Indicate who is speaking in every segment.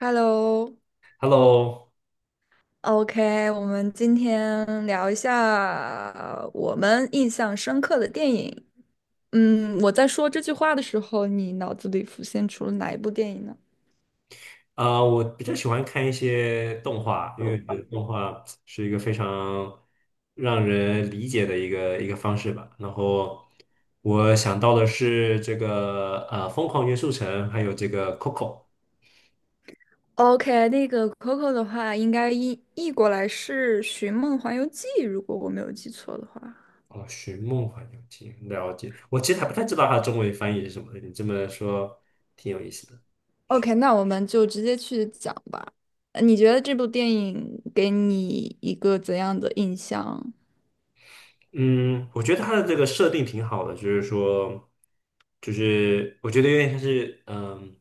Speaker 1: Hello，OK，
Speaker 2: Hello。
Speaker 1: 我们今天聊一下我们印象深刻的电影。嗯，我在说这句话的时候，你脑子里浮现出了哪一部电影呢
Speaker 2: 我比较喜欢看一些动画，因为我觉得动画是一个非常让人理解的一个方式吧。然后我想到的是这个《疯狂元素城》，还有这个《Coco》。
Speaker 1: ？OK，那个 Coco 的话，应该译过来是《寻梦环游记》，如果我没有记错的话。
Speaker 2: 哦，《寻梦环游记》。了解，我其实还不太知道它的中文翻译是什么，你这么说挺有意思的。
Speaker 1: OK，那我们就直接去讲吧。你觉得这部电影给你一个怎样的印象？
Speaker 2: 嗯，我觉得它的这个设定挺好的，就是说，就是我觉得有点像是，嗯，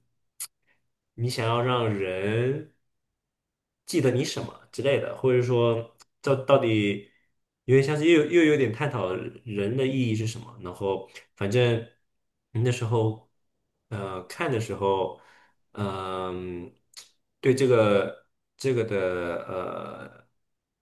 Speaker 2: 你想要让人记得你什么之类的，或者说，这到底有点像是又有点探讨人的意义是什么。然后，反正那时候，看的时候，嗯，对这个这个的呃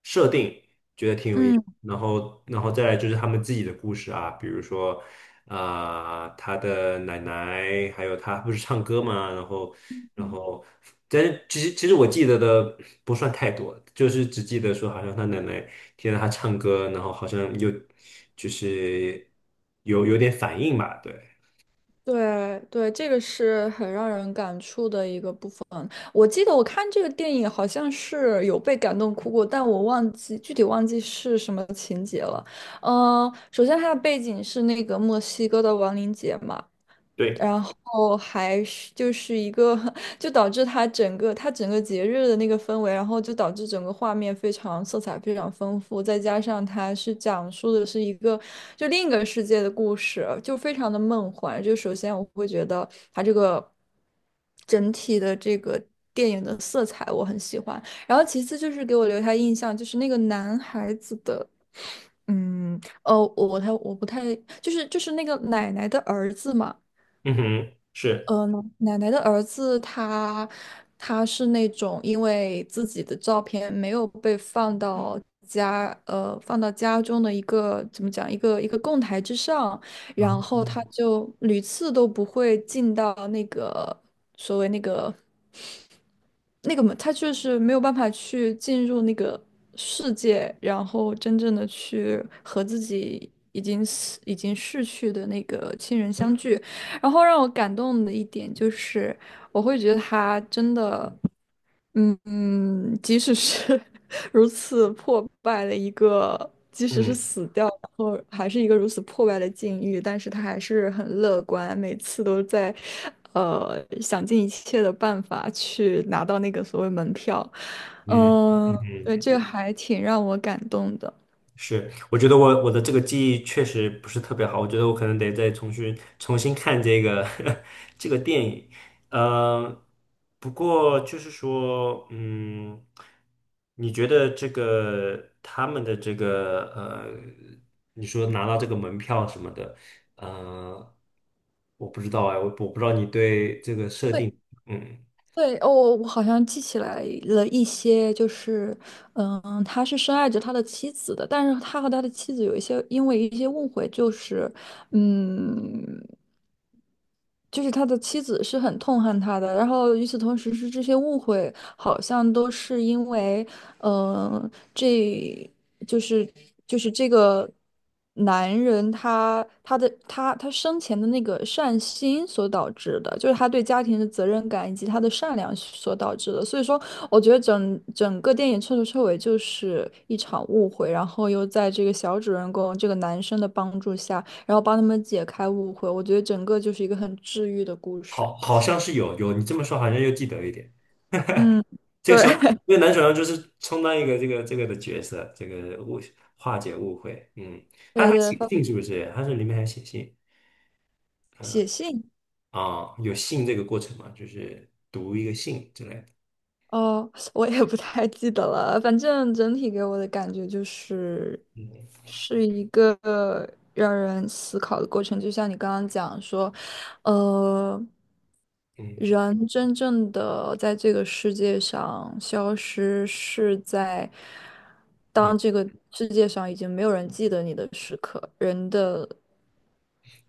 Speaker 2: 设定。觉得挺有意思。
Speaker 1: 嗯。
Speaker 2: 然后，然后再来就是他们自己的故事啊，比如说，他的奶奶，还有他不是唱歌嘛，然后，然后，但是其实我记得的不算太多，就是只记得说好像他奶奶听到他唱歌，然后好像有就是有点反应吧，对
Speaker 1: 对对，这个是很让人感触的一个部分。我记得我看这个电影好像是有被感动哭过，但我忘记具体忘记是什么情节了。首先它的背景是那个墨西哥的亡灵节嘛，
Speaker 2: 对，
Speaker 1: 然后还是就是一个，就导致它整个节日的那个氛围，然后就导致整个画面非常色彩非常丰富，再加上它是讲述的是一个就另一个世界的故事，就非常的梦幻。就首先我会觉得它这个整体的这个电影的色彩我很喜欢，然后其次就是给我留下印象就是那个男孩子的。哦，我不太，就是那个奶奶的儿子嘛，
Speaker 2: 嗯哼，是，
Speaker 1: 呃，奶奶的儿子他是那种因为自己的照片没有被放到放到家中的一个怎么讲一个供台之上，然
Speaker 2: 啊，
Speaker 1: 后他就屡次都不会进到那个嘛，他就是没有办法去进入那个世界，然后真正的去和自己已经逝去的那个亲人相聚。然后让我感动的一点就是，我会觉得他真的。即使是 如此破败的一个，即使是
Speaker 2: 嗯
Speaker 1: 死掉，然后还是一个如此破败的境遇，但是他还是很乐观，每次都在，想尽一切的办法去拿到那个所谓门票。
Speaker 2: 嗯
Speaker 1: 嗯、
Speaker 2: 嗯嗯。
Speaker 1: 对，这个还挺让我感动的。
Speaker 2: 是，我觉得我的这个记忆确实不是特别好，我觉得我可能得再重新看这个 这个电影。呃，不过就是说，嗯，你觉得这个他们的这个,你说拿到这个门票什么的，呃，我不知道哎，我不知道你对这个设定，嗯，
Speaker 1: 对，哦，我好像记起来了一些，就是，嗯，他是深爱着他的妻子的，但是他和他的妻子有一些因为一些误会，就是，嗯。就是他的妻子是很痛恨他的，然后与此同时是这些误会，好像都是因为，嗯，这就是这个男人他生前的那个善心所导致的，就是他对家庭的责任感以及他的善良所导致的。所以说，我觉得整个电影彻头彻尾就是一场误会，然后又在这个小主人公这个男生的帮助下。然后帮他们解开误会。我觉得整个就是一个很治愈的故事。
Speaker 2: 好，好像是有，你这么说好像又记得一点。
Speaker 1: 嗯，
Speaker 2: 这个
Speaker 1: 对
Speaker 2: 小这个男主角就是充当一个这个这个的角色，这个误化解误会。嗯，他
Speaker 1: 对
Speaker 2: 还
Speaker 1: 对，
Speaker 2: 写信是不是？他是里面还写信。
Speaker 1: 写信
Speaker 2: 有信这个过程嘛，就是读一个信之类的。
Speaker 1: 哦，我也不太记得了。反正整体给我的感觉就是，
Speaker 2: 嗯
Speaker 1: 是一个让人思考的过程。就像你刚刚讲说，呃，
Speaker 2: 嗯
Speaker 1: 人真正的在这个世界上消失，是在
Speaker 2: 嗯，
Speaker 1: 当这个世界上已经没有人记得你的时刻，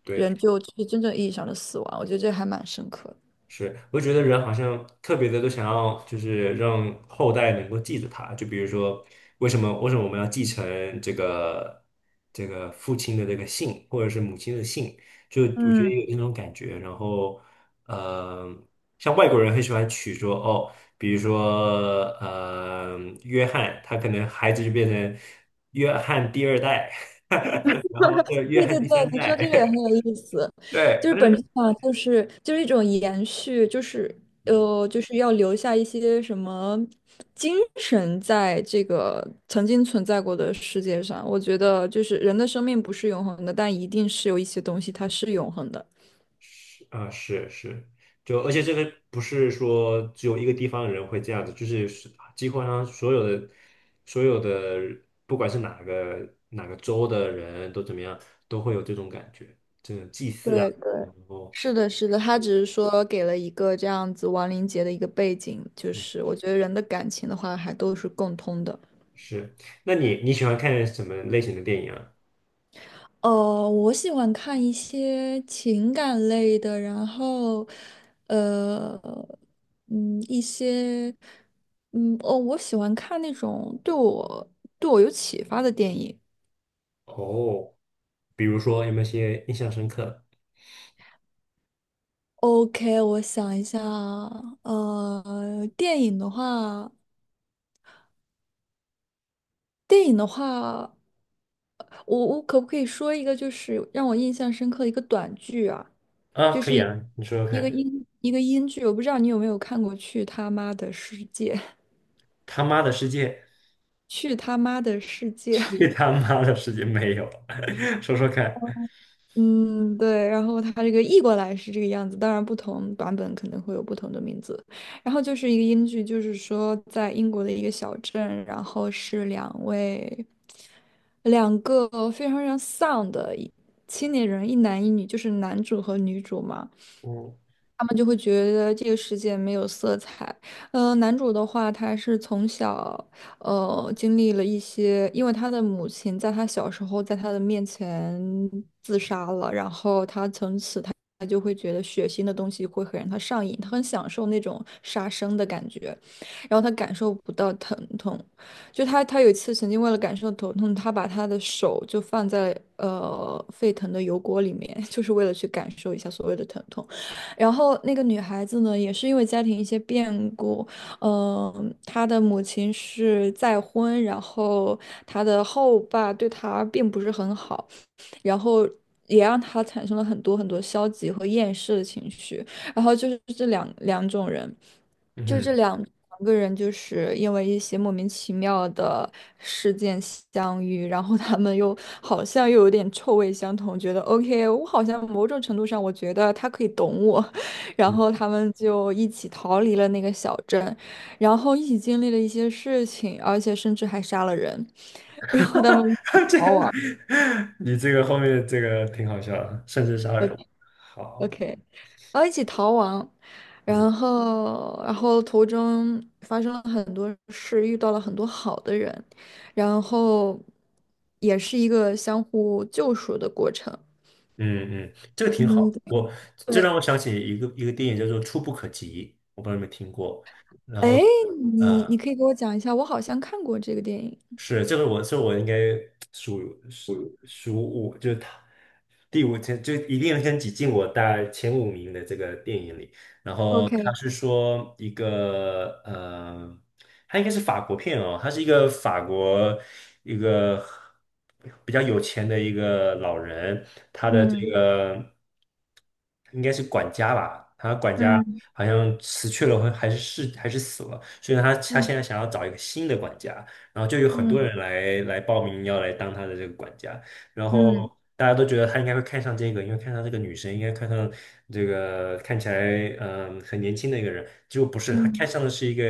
Speaker 2: 对。
Speaker 1: 人就是真正意义上的死亡，我觉得这还蛮深刻的。
Speaker 2: 是，我觉得人好像特别的都想要，就是让后代能够记得他。就比如说，为什么我们要继承这个父亲的这个姓，或者是母亲的姓？就我觉得
Speaker 1: 嗯，
Speaker 2: 有那种感觉。然后，呃，像外国人很喜欢取说哦，比如说,约翰，他可能孩子就变成约翰第二代，然后约
Speaker 1: 对
Speaker 2: 翰
Speaker 1: 对对，
Speaker 2: 第三
Speaker 1: 你说
Speaker 2: 代，
Speaker 1: 这个也很有意思，
Speaker 2: 对，
Speaker 1: 就是
Speaker 2: 但
Speaker 1: 本
Speaker 2: 是。
Speaker 1: 质上就是一种延续，就是
Speaker 2: 嗯。
Speaker 1: 就是要留下一些什么精神在这个曾经存在过的世界上。我觉得就是人的生命不是永恒的，但一定是有一些东西它是永恒的。
Speaker 2: 是啊，是是，就而且这个不是说只有一个地方的人会这样子，就是几乎上所有的，不管是哪个州的人都怎么样，都会有这种感觉，这种祭祀啊，
Speaker 1: 对对，
Speaker 2: 然后
Speaker 1: 是的，是的，他只是说给了一个这样子亡灵节的一个背景，就
Speaker 2: 嗯
Speaker 1: 是我觉得人的感情的话还都是共通的。
Speaker 2: 是，那你你喜欢看什么类型的电影啊？
Speaker 1: 我喜欢看一些情感类的，然后，呃，一些，哦，我喜欢看那种对我有启发的电影。
Speaker 2: 哦，比如说有没有些印象深刻的？
Speaker 1: OK，我想一下啊，电影的话，电影的话，我可不可以说一个就是让我印象深刻的一个短剧啊？
Speaker 2: 啊，
Speaker 1: 就
Speaker 2: 可
Speaker 1: 是
Speaker 2: 以啊，你说说看，
Speaker 1: 一个英剧，我不知道你有没有看过去他妈的世界》
Speaker 2: 他妈的世界，
Speaker 1: 去他妈的世界，
Speaker 2: 去他妈的世界没有，说说看，
Speaker 1: 嗯，对，然后他这个译过来是这个样子，当然不同版本可能会有不同的名字。然后就是一个英剧，就是说在英国的一个小镇，然后是两个非常非常丧的青年人，一男一女，就是男主和女主嘛。
Speaker 2: 嗯
Speaker 1: 他们就会觉得这个世界没有色彩。男主的话，他是从小经历了一些，因为他的母亲在他小时候在他的面前自杀了，然后他从此他就会觉得血腥的东西会很让他上瘾，他很享受那种杀生的感觉，然后他感受不到疼痛，就他有一次曾经为了感受疼痛，他把他的手就放在沸腾的油锅里面，就是为了去感受一下所谓的疼痛，然后那个女孩子呢，也是因为家庭一些变故。嗯，他的母亲是再婚，然后他的后爸对他并不是很好，然后也让他产生了很多很多消极和厌世的情绪。然后就是这两种人，
Speaker 2: 嗯
Speaker 1: 就这
Speaker 2: 哼。
Speaker 1: 两两个人，就是因为一些莫名其妙的事件相遇，然后他们又好像又有点臭味相同，觉得 OK，我好像某种程度上我觉得他可以懂我，然
Speaker 2: 嗯
Speaker 1: 后他们就一起逃离了那个小镇。然后一起经历了一些事情，而且甚至还杀了人，然后他们一起 逃亡
Speaker 2: 这你这个后面这个挺好笑的，甚至杀人。好，
Speaker 1: ，OK，然后一起逃亡，然
Speaker 2: 嗯
Speaker 1: 后然后途中发生了很多事，遇到了很多好的人，然后也是一个相互救赎的过程。
Speaker 2: 嗯嗯，这个挺
Speaker 1: 嗯，
Speaker 2: 好。我这
Speaker 1: 对，
Speaker 2: 让我想起一个电影叫做《触不可及》，我不知道你们听过。然后，
Speaker 1: 哎，你
Speaker 2: 啊、
Speaker 1: 可以给我讲一下，我好像看过这个电影。
Speaker 2: 是，这个我，是我应该数数数五，就是他第五天，就一定要先挤进我大概前五名的这个电影里。然后他
Speaker 1: OK，
Speaker 2: 是说一个,他应该是法国片哦，他是一个法国一个比较有钱的一个老人，他的这
Speaker 1: 嗯
Speaker 2: 个应该是管家吧，他管家
Speaker 1: 嗯
Speaker 2: 好像辞去了，还是是还是死了，所以他他
Speaker 1: 嗯
Speaker 2: 现在想要找一个新的管家。然后就有很多
Speaker 1: 嗯
Speaker 2: 人来报名要来当他的这个管家，然后
Speaker 1: 嗯
Speaker 2: 大家都觉得他应该会看上这个，因为看上这个女生，应该看上这个看起来很年轻的一个人，结果不是，他看
Speaker 1: 嗯
Speaker 2: 上的是一个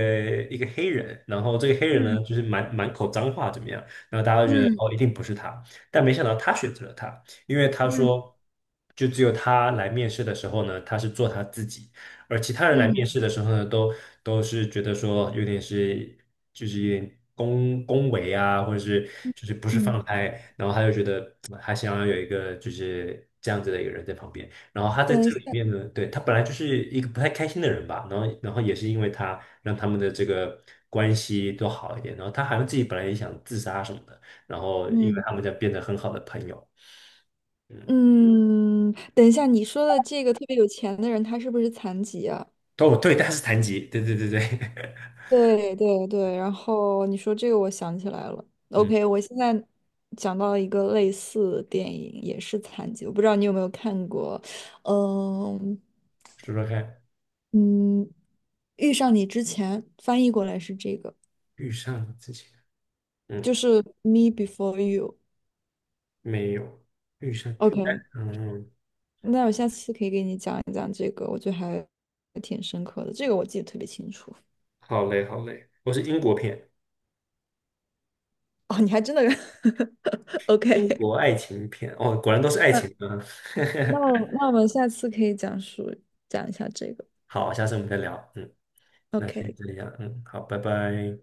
Speaker 2: 一个黑人，然后这个黑人
Speaker 1: 嗯
Speaker 2: 呢就是满口脏话怎么样，然后大家都觉得
Speaker 1: 嗯
Speaker 2: 哦一定不是他，但没想到他选择了他，因为他
Speaker 1: 嗯
Speaker 2: 说就只有他来面试的时候呢，他是做他自己。而其他人来面
Speaker 1: 嗯。
Speaker 2: 试的时候呢，都是觉得说有点是就是有点恭维啊，或者是就是不是
Speaker 1: 嗯，
Speaker 2: 放开，然后他就觉得嗯还想要有一个就是这样子的一个人在旁边。然后他在
Speaker 1: 等一
Speaker 2: 这
Speaker 1: 下，
Speaker 2: 里面呢，对，他本来就是一个不太开心的人吧，然后也是因为他让他们的这个关系都好一点，然后他好像自己本来也想自杀什么的，然后因为
Speaker 1: 嗯
Speaker 2: 他们就变得很好的朋友，嗯，
Speaker 1: 嗯，等一下，你说的这个特别有钱的人，他是不是残疾啊？
Speaker 2: 哦对，他是残疾，对对对对，
Speaker 1: 对对对，然后你说这个，我想起来了。
Speaker 2: 嗯，
Speaker 1: OK，我现在讲到一个类似的电影，也是残疾，我不知道你有没有看过，嗯
Speaker 2: 说说看。
Speaker 1: 嗯，遇上你之前翻译过来是这个，
Speaker 2: 遇上了之前，嗯，
Speaker 1: 就是 Me Before You。
Speaker 2: 没有遇上，
Speaker 1: OK，
Speaker 2: 嗯，
Speaker 1: 那我下次可以给你讲一讲这个，我觉得还挺深刻的，这个我记得特别清楚。
Speaker 2: 好嘞，好嘞，我是英国片，
Speaker 1: 哦，你还真的 OK。
Speaker 2: 英国爱情片，哦，果然都是爱
Speaker 1: 那
Speaker 2: 情啊，
Speaker 1: 那我们下次可以讲一下这个。
Speaker 2: 好，下次我们再聊，嗯，那先
Speaker 1: OK。
Speaker 2: 这样，嗯，好，拜拜。